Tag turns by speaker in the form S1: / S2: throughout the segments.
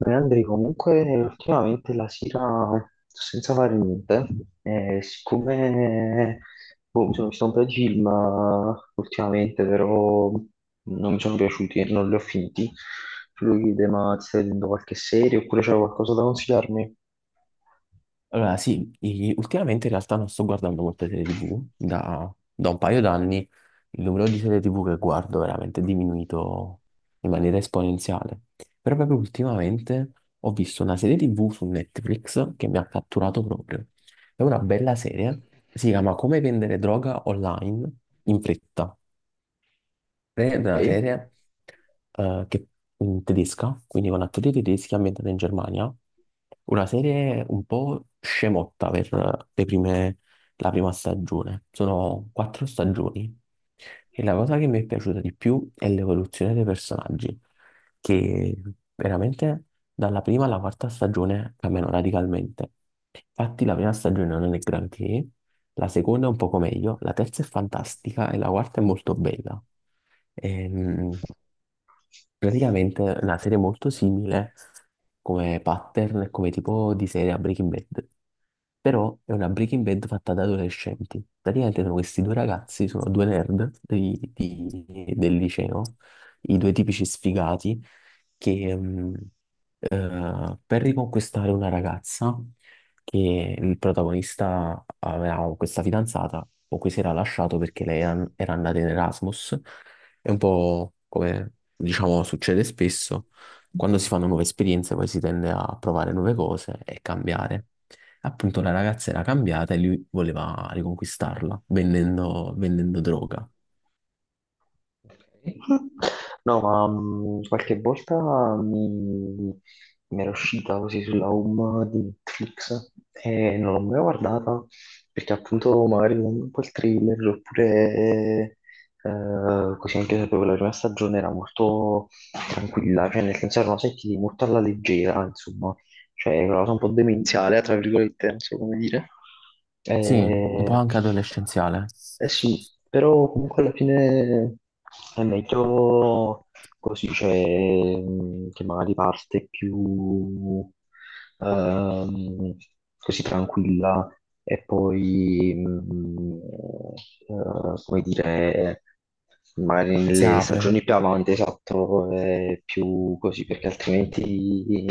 S1: Beh, Andri, comunque ultimamente la sera sto senza fare niente, e siccome boh, mi sono visto un po' di film ultimamente, però non mi sono piaciuti e non li ho finiti, tu lo chiede, ma ti stai vedendo qualche serie oppure c'è qualcosa da consigliarmi?
S2: Allora, sì, ultimamente in realtà non sto guardando molte serie TV, da un paio d'anni il numero di serie TV che guardo è veramente diminuito in maniera esponenziale. Però proprio ultimamente ho visto una serie TV su Netflix che mi ha catturato proprio. È una bella serie, si chiama Come vendere droga online in fretta, è
S1: Ok.
S2: una serie eh, che- in tedesca, quindi con attori tedeschi ambientata in Germania, una serie un po' scemotta per le prime- la prima stagione. Sono 4 stagioni e la cosa che mi è piaciuta di più è l'evoluzione dei personaggi, che veramente dalla prima alla quarta stagione cambiano radicalmente. Infatti la prima stagione non è granché, la seconda è un poco meglio, la terza è fantastica e la quarta è molto bella. Ehm, Praticamente è una serie molto simile come pattern e come tipo di serie a Breaking Bad, però è una Breaking Bad fatta da adolescenti. Praticamente sono questi due ragazzi, sono due nerd del liceo, i due tipici sfigati che per riconquistare una ragazza, che il protagonista aveva questa fidanzata o cui si era lasciato perché lei era andata in Erasmus, è un po' come, diciamo, succede spesso. Quando si
S1: Sì.
S2: fanno nuove esperienze, poi si tende a provare nuove cose e cambiare. Appunto, la ragazza era cambiata e lui voleva riconquistarla vendendo droga.
S1: Ok. No, ma qualche volta mi era uscita così sulla home di Netflix e non l'ho mai guardata perché appunto magari non un po' il thriller oppure così anche sapevo la prima stagione era molto tranquilla, cioè nel senso erano sentiti molto alla leggera, insomma, cioè è una cosa un po' demenziale, tra virgolette, non so come dire.
S2: Sì, un po'
S1: Eh,
S2: anche adolescenziale.
S1: eh sì, però comunque alla fine è meglio. Così c'è che magari parte più ehm, così tranquilla e poi, come dire, magari
S2: Si
S1: nelle
S2: apre.
S1: stagioni più avanti, esatto, è più così, perché altrimenti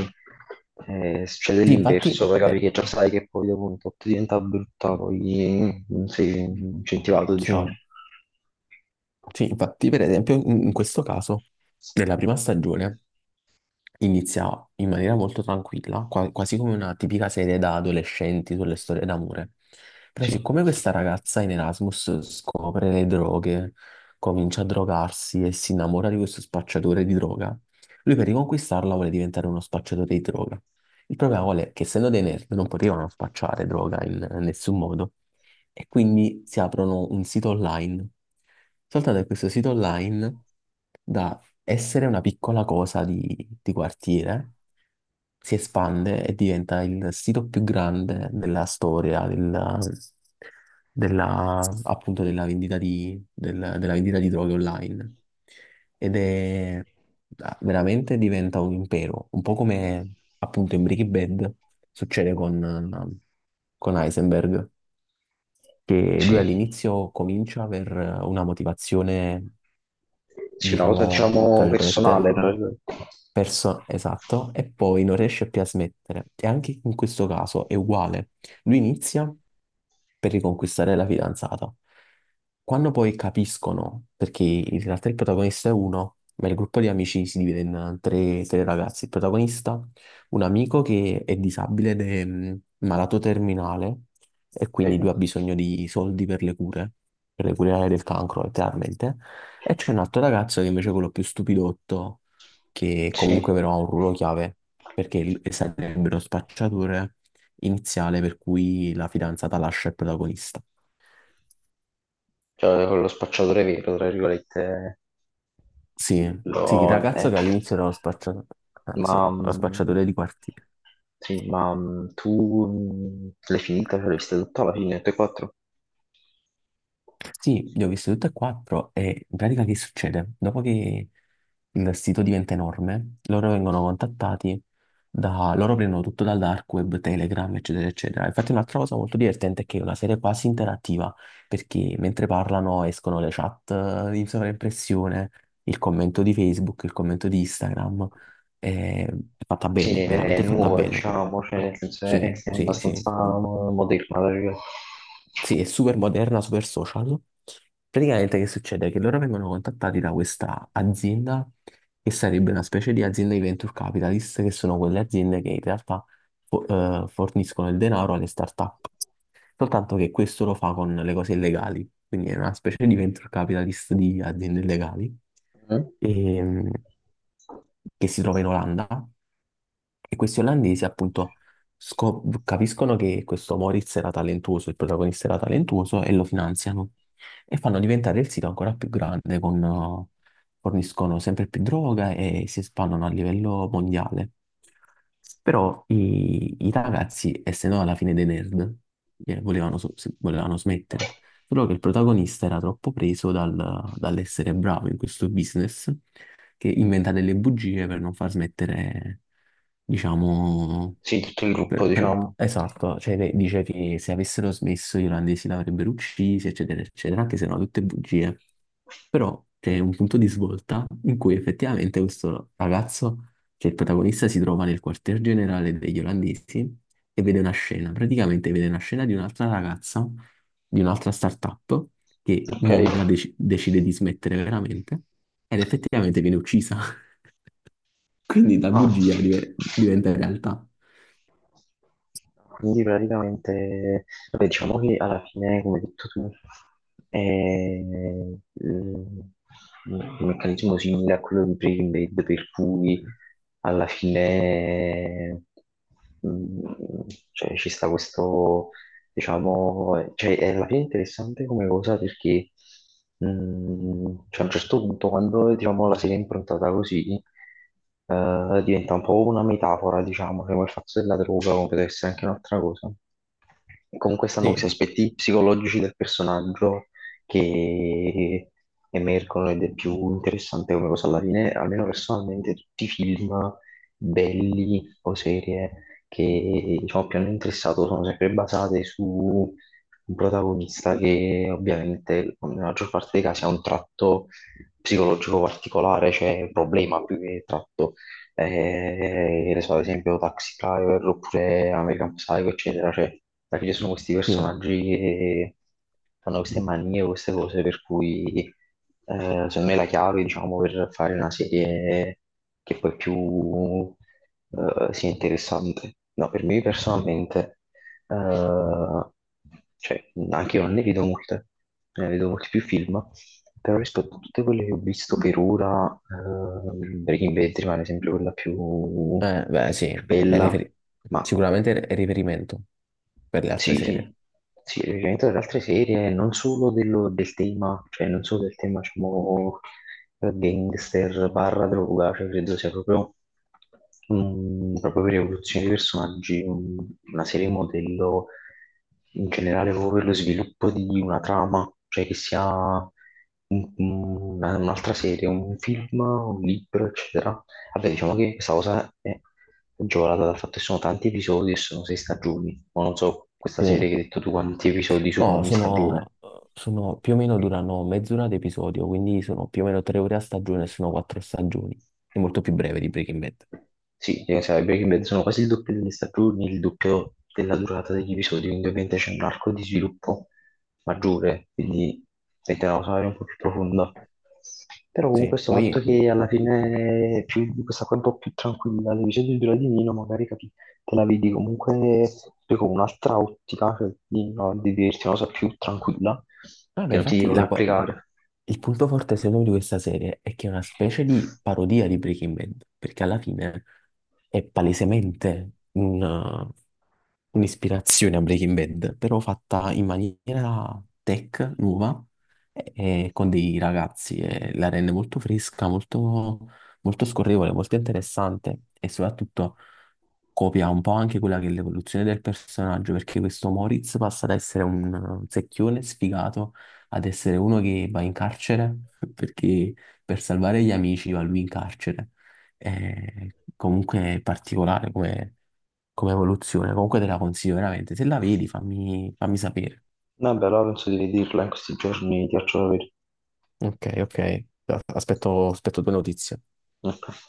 S1: succede
S2: Sì, infatti,
S1: l'inverso, poi capi che già sai che poi dopo un tot diventa brutta, poi non sei incentivato, diciamo.
S2: sì, sì, infatti, per esempio, in questo caso, nella prima stagione, inizia in maniera molto tranquilla, quasi come una tipica serie da adolescenti sulle storie d'amore. Però
S1: Sì,
S2: siccome questa ragazza in Erasmus scopre le droghe, comincia a drogarsi e si innamora di questo spacciatore di droga, lui per riconquistarla vuole diventare uno spacciatore di droga. Il problema qual è? Che essendo dei nerd non potevano spacciare droga in nessun modo e quindi si aprono un sito online. Soltanto che questo sito online dà essere una piccola cosa di quartiere, si espande e diventa il sito più grande della storia appunto della vendita della vendita di droghe online. Ed è veramente diventa un impero, un po' come appunto in Breaking Bad succede con Heisenberg, che lui
S1: sì,
S2: all'inizio comincia per una motivazione,
S1: sì, una cosa
S2: diciamo, tra
S1: diciamo personale.
S2: virgolette. Perso, esatto, e poi non riesce più a smettere. E anche in questo caso è uguale. Lui inizia per riconquistare la fidanzata. Quando poi capiscono, perché in realtà il protagonista è uno, ma il gruppo di amici si divide in tre, tre ragazzi. Il protagonista, un amico che è disabile ed è malato terminale e quindi
S1: Ok.
S2: lui ha bisogno di soldi per le cure del cancro, letteralmente. E c'è un altro ragazzo che invece è quello più stupidotto, che comunque
S1: Sì,
S2: però ha un ruolo chiave, perché sarebbero spacciature iniziale per cui la fidanzata lascia il protagonista.
S1: cioè con lo spacciatore vero, tra virgolette.
S2: Sì, sì, il
S1: lo-
S2: ragazzo
S1: eh,
S2: che all'inizio era lo spacciatore, ah,
S1: Ma,
S2: sì, lo spacciatore di quartiere.
S1: sì, ma tu l'hai finita, cioè l'hai vista tutta alla fine, tutte e quattro?
S2: Sì, le ho viste tutte e quattro e in pratica che succede? Dopo che il sito diventa enorme, loro vengono contattati da... loro prendono tutto dal dark web, Telegram, eccetera, eccetera. Infatti un'altra cosa molto divertente è che è una serie quasi interattiva, perché mentre parlano escono le chat di sovraimpressione, il commento di Facebook, il commento di Instagram. È è fatta
S1: Sì,
S2: bene,
S1: è
S2: veramente fatta
S1: nuova,
S2: bene.
S1: diciamo, cioè nel senso è,
S2: Sì,
S1: è
S2: sì, sì.
S1: abbastanza moderna, la verità.
S2: Sì, è super moderna, super social. Praticamente che succede? Che loro vengono contattati da questa azienda che sarebbe una specie di azienda di venture capitalist, che sono quelle aziende che in realtà fo- forniscono il denaro alle start-up. Soltanto che questo lo fa con le cose illegali, quindi è una specie di venture capitalist di aziende illegali,
S1: Mm?
S2: ehm, che si trova in Olanda, e questi olandesi appunto capiscono che questo Moritz era talentuoso, il protagonista era talentuoso e lo finanziano e fanno diventare il sito ancora più grande, forniscono sempre più droga e si espandono a livello mondiale. Però i ragazzi, essendo alla fine dei nerd, volevano smettere. Solo che il protagonista era troppo preso dall'essere bravo in questo business che inventa delle bugie per non far smettere, diciamo...
S1: Sì, tutto il gruppo, diciamo.
S2: Esatto, cioè dice che se avessero smesso gli olandesi l'avrebbero uccisi, eccetera, eccetera, anche se erano tutte bugie. Però è un punto di svolta in cui effettivamente questo ragazzo, che è il protagonista, si trova nel quartier generale degli olandesi e vede una scena, praticamente vede una scena di un'altra ragazza, di un'altra startup, che
S1: Ok.
S2: molla, decide di smettere veramente ed effettivamente viene uccisa. Quindi la
S1: Ah,
S2: bugia diventa realtà.
S1: quindi praticamente, vabbè, diciamo che alla fine, come hai detto tu, è un meccanismo simile a quello di Breaking Bad, per cui alla fine, mm, cioè, ci sta questo. Diciamo, cioè, è alla fine interessante come cosa perché cioè, a un certo punto quando diciamo, la serie è improntata così diventa un po' una metafora, diciamo, cioè, come il fatto della droga, come potrebbe essere anche un'altra cosa. E comunque stanno questi
S2: Sì,
S1: aspetti psicologici del personaggio che emergono ed è più interessante come cosa alla fine, almeno personalmente, tutti i film belli o serie che diciamo, più hanno interessato sono sempre basate su un protagonista che ovviamente nella maggior parte dei casi ha un tratto psicologico particolare, cioè un problema più che tratto. Ne so, ad esempio Taxi Driver oppure American Psycho, eccetera. Cioè, alla fine sono questi
S2: sì.
S1: personaggi che fanno queste manie, queste cose per cui secondo me la chiave, diciamo, per fare una serie che poi più sia interessante. No, per me personalmente, eh, cioè, anche io non ne vedo molte, ne vedo molti più film, però rispetto a tutte quelle che ho visto per ora, Breaking Bad rimane sempre quella più,
S2: Beh, sì,
S1: più
S2: è
S1: bella,
S2: riferi-
S1: ma
S2: sicuramente è riferimento per le altre serie.
S1: sì, sì, il riferimento ad altre serie, non solo del tema, cioè non solo del tema, diciamo, gangster, barra droga, cioè credo sia proprio, proprio per evoluzione dei personaggi, una serie modello in generale proprio per lo sviluppo di una trama, cioè che sia un'altra serie, un film, un libro, eccetera. Vabbè, diciamo che questa cosa è agevolata dal fatto che sono tanti episodi e sono sei stagioni. Ma non so questa serie
S2: Sì.
S1: che hai detto tu quanti episodi sono
S2: No,
S1: ogni stagione.
S2: sono, sono più o meno durano mezz'ora ad episodio, quindi sono più o meno 3 ore a stagione, sono quattro stagioni. È molto più breve di Breaking Bad.
S1: Sì, sai, Breaking Bad sono quasi il doppio delle stagioni, il doppio della durata degli episodi, quindi ovviamente c'è un arco di sviluppo maggiore, quindi mette una cosa magari un po' più profonda. Però comunque
S2: Sì,
S1: questo fatto
S2: poi,
S1: che alla fine è più, questa qua è un po' più tranquilla, l'episodio dura di meno, magari capi, te la vedi comunque poi con un'altra ottica, cioè di, no, di vederti una cosa più tranquilla,
S2: no, ma
S1: che non ti devi
S2: infatti
S1: proprio
S2: la co-
S1: applicare.
S2: il punto forte secondo me di questa serie è che è una specie di parodia di Breaking Bad, perché alla fine è palesemente un'ispirazione a Breaking Bad, però fatta in maniera tech, nuova, e, e con dei ragazzi, e la rende molto fresca, molto, molto scorrevole, molto interessante e soprattutto copia un po' anche quella che è l'evoluzione del personaggio, perché questo Moritz passa da essere un secchione sfigato ad essere uno che va in carcere perché per salvare gli amici va lui in carcere. Comunque è particolare come, come evoluzione, comunque te la consiglio veramente. Se la vedi, fammi sapere.
S1: Vabbè, allora penso di vederla in questi giorni, ti faccio sapere.
S2: Ok, ok. Aspetto 2 notizie.
S1: Ok.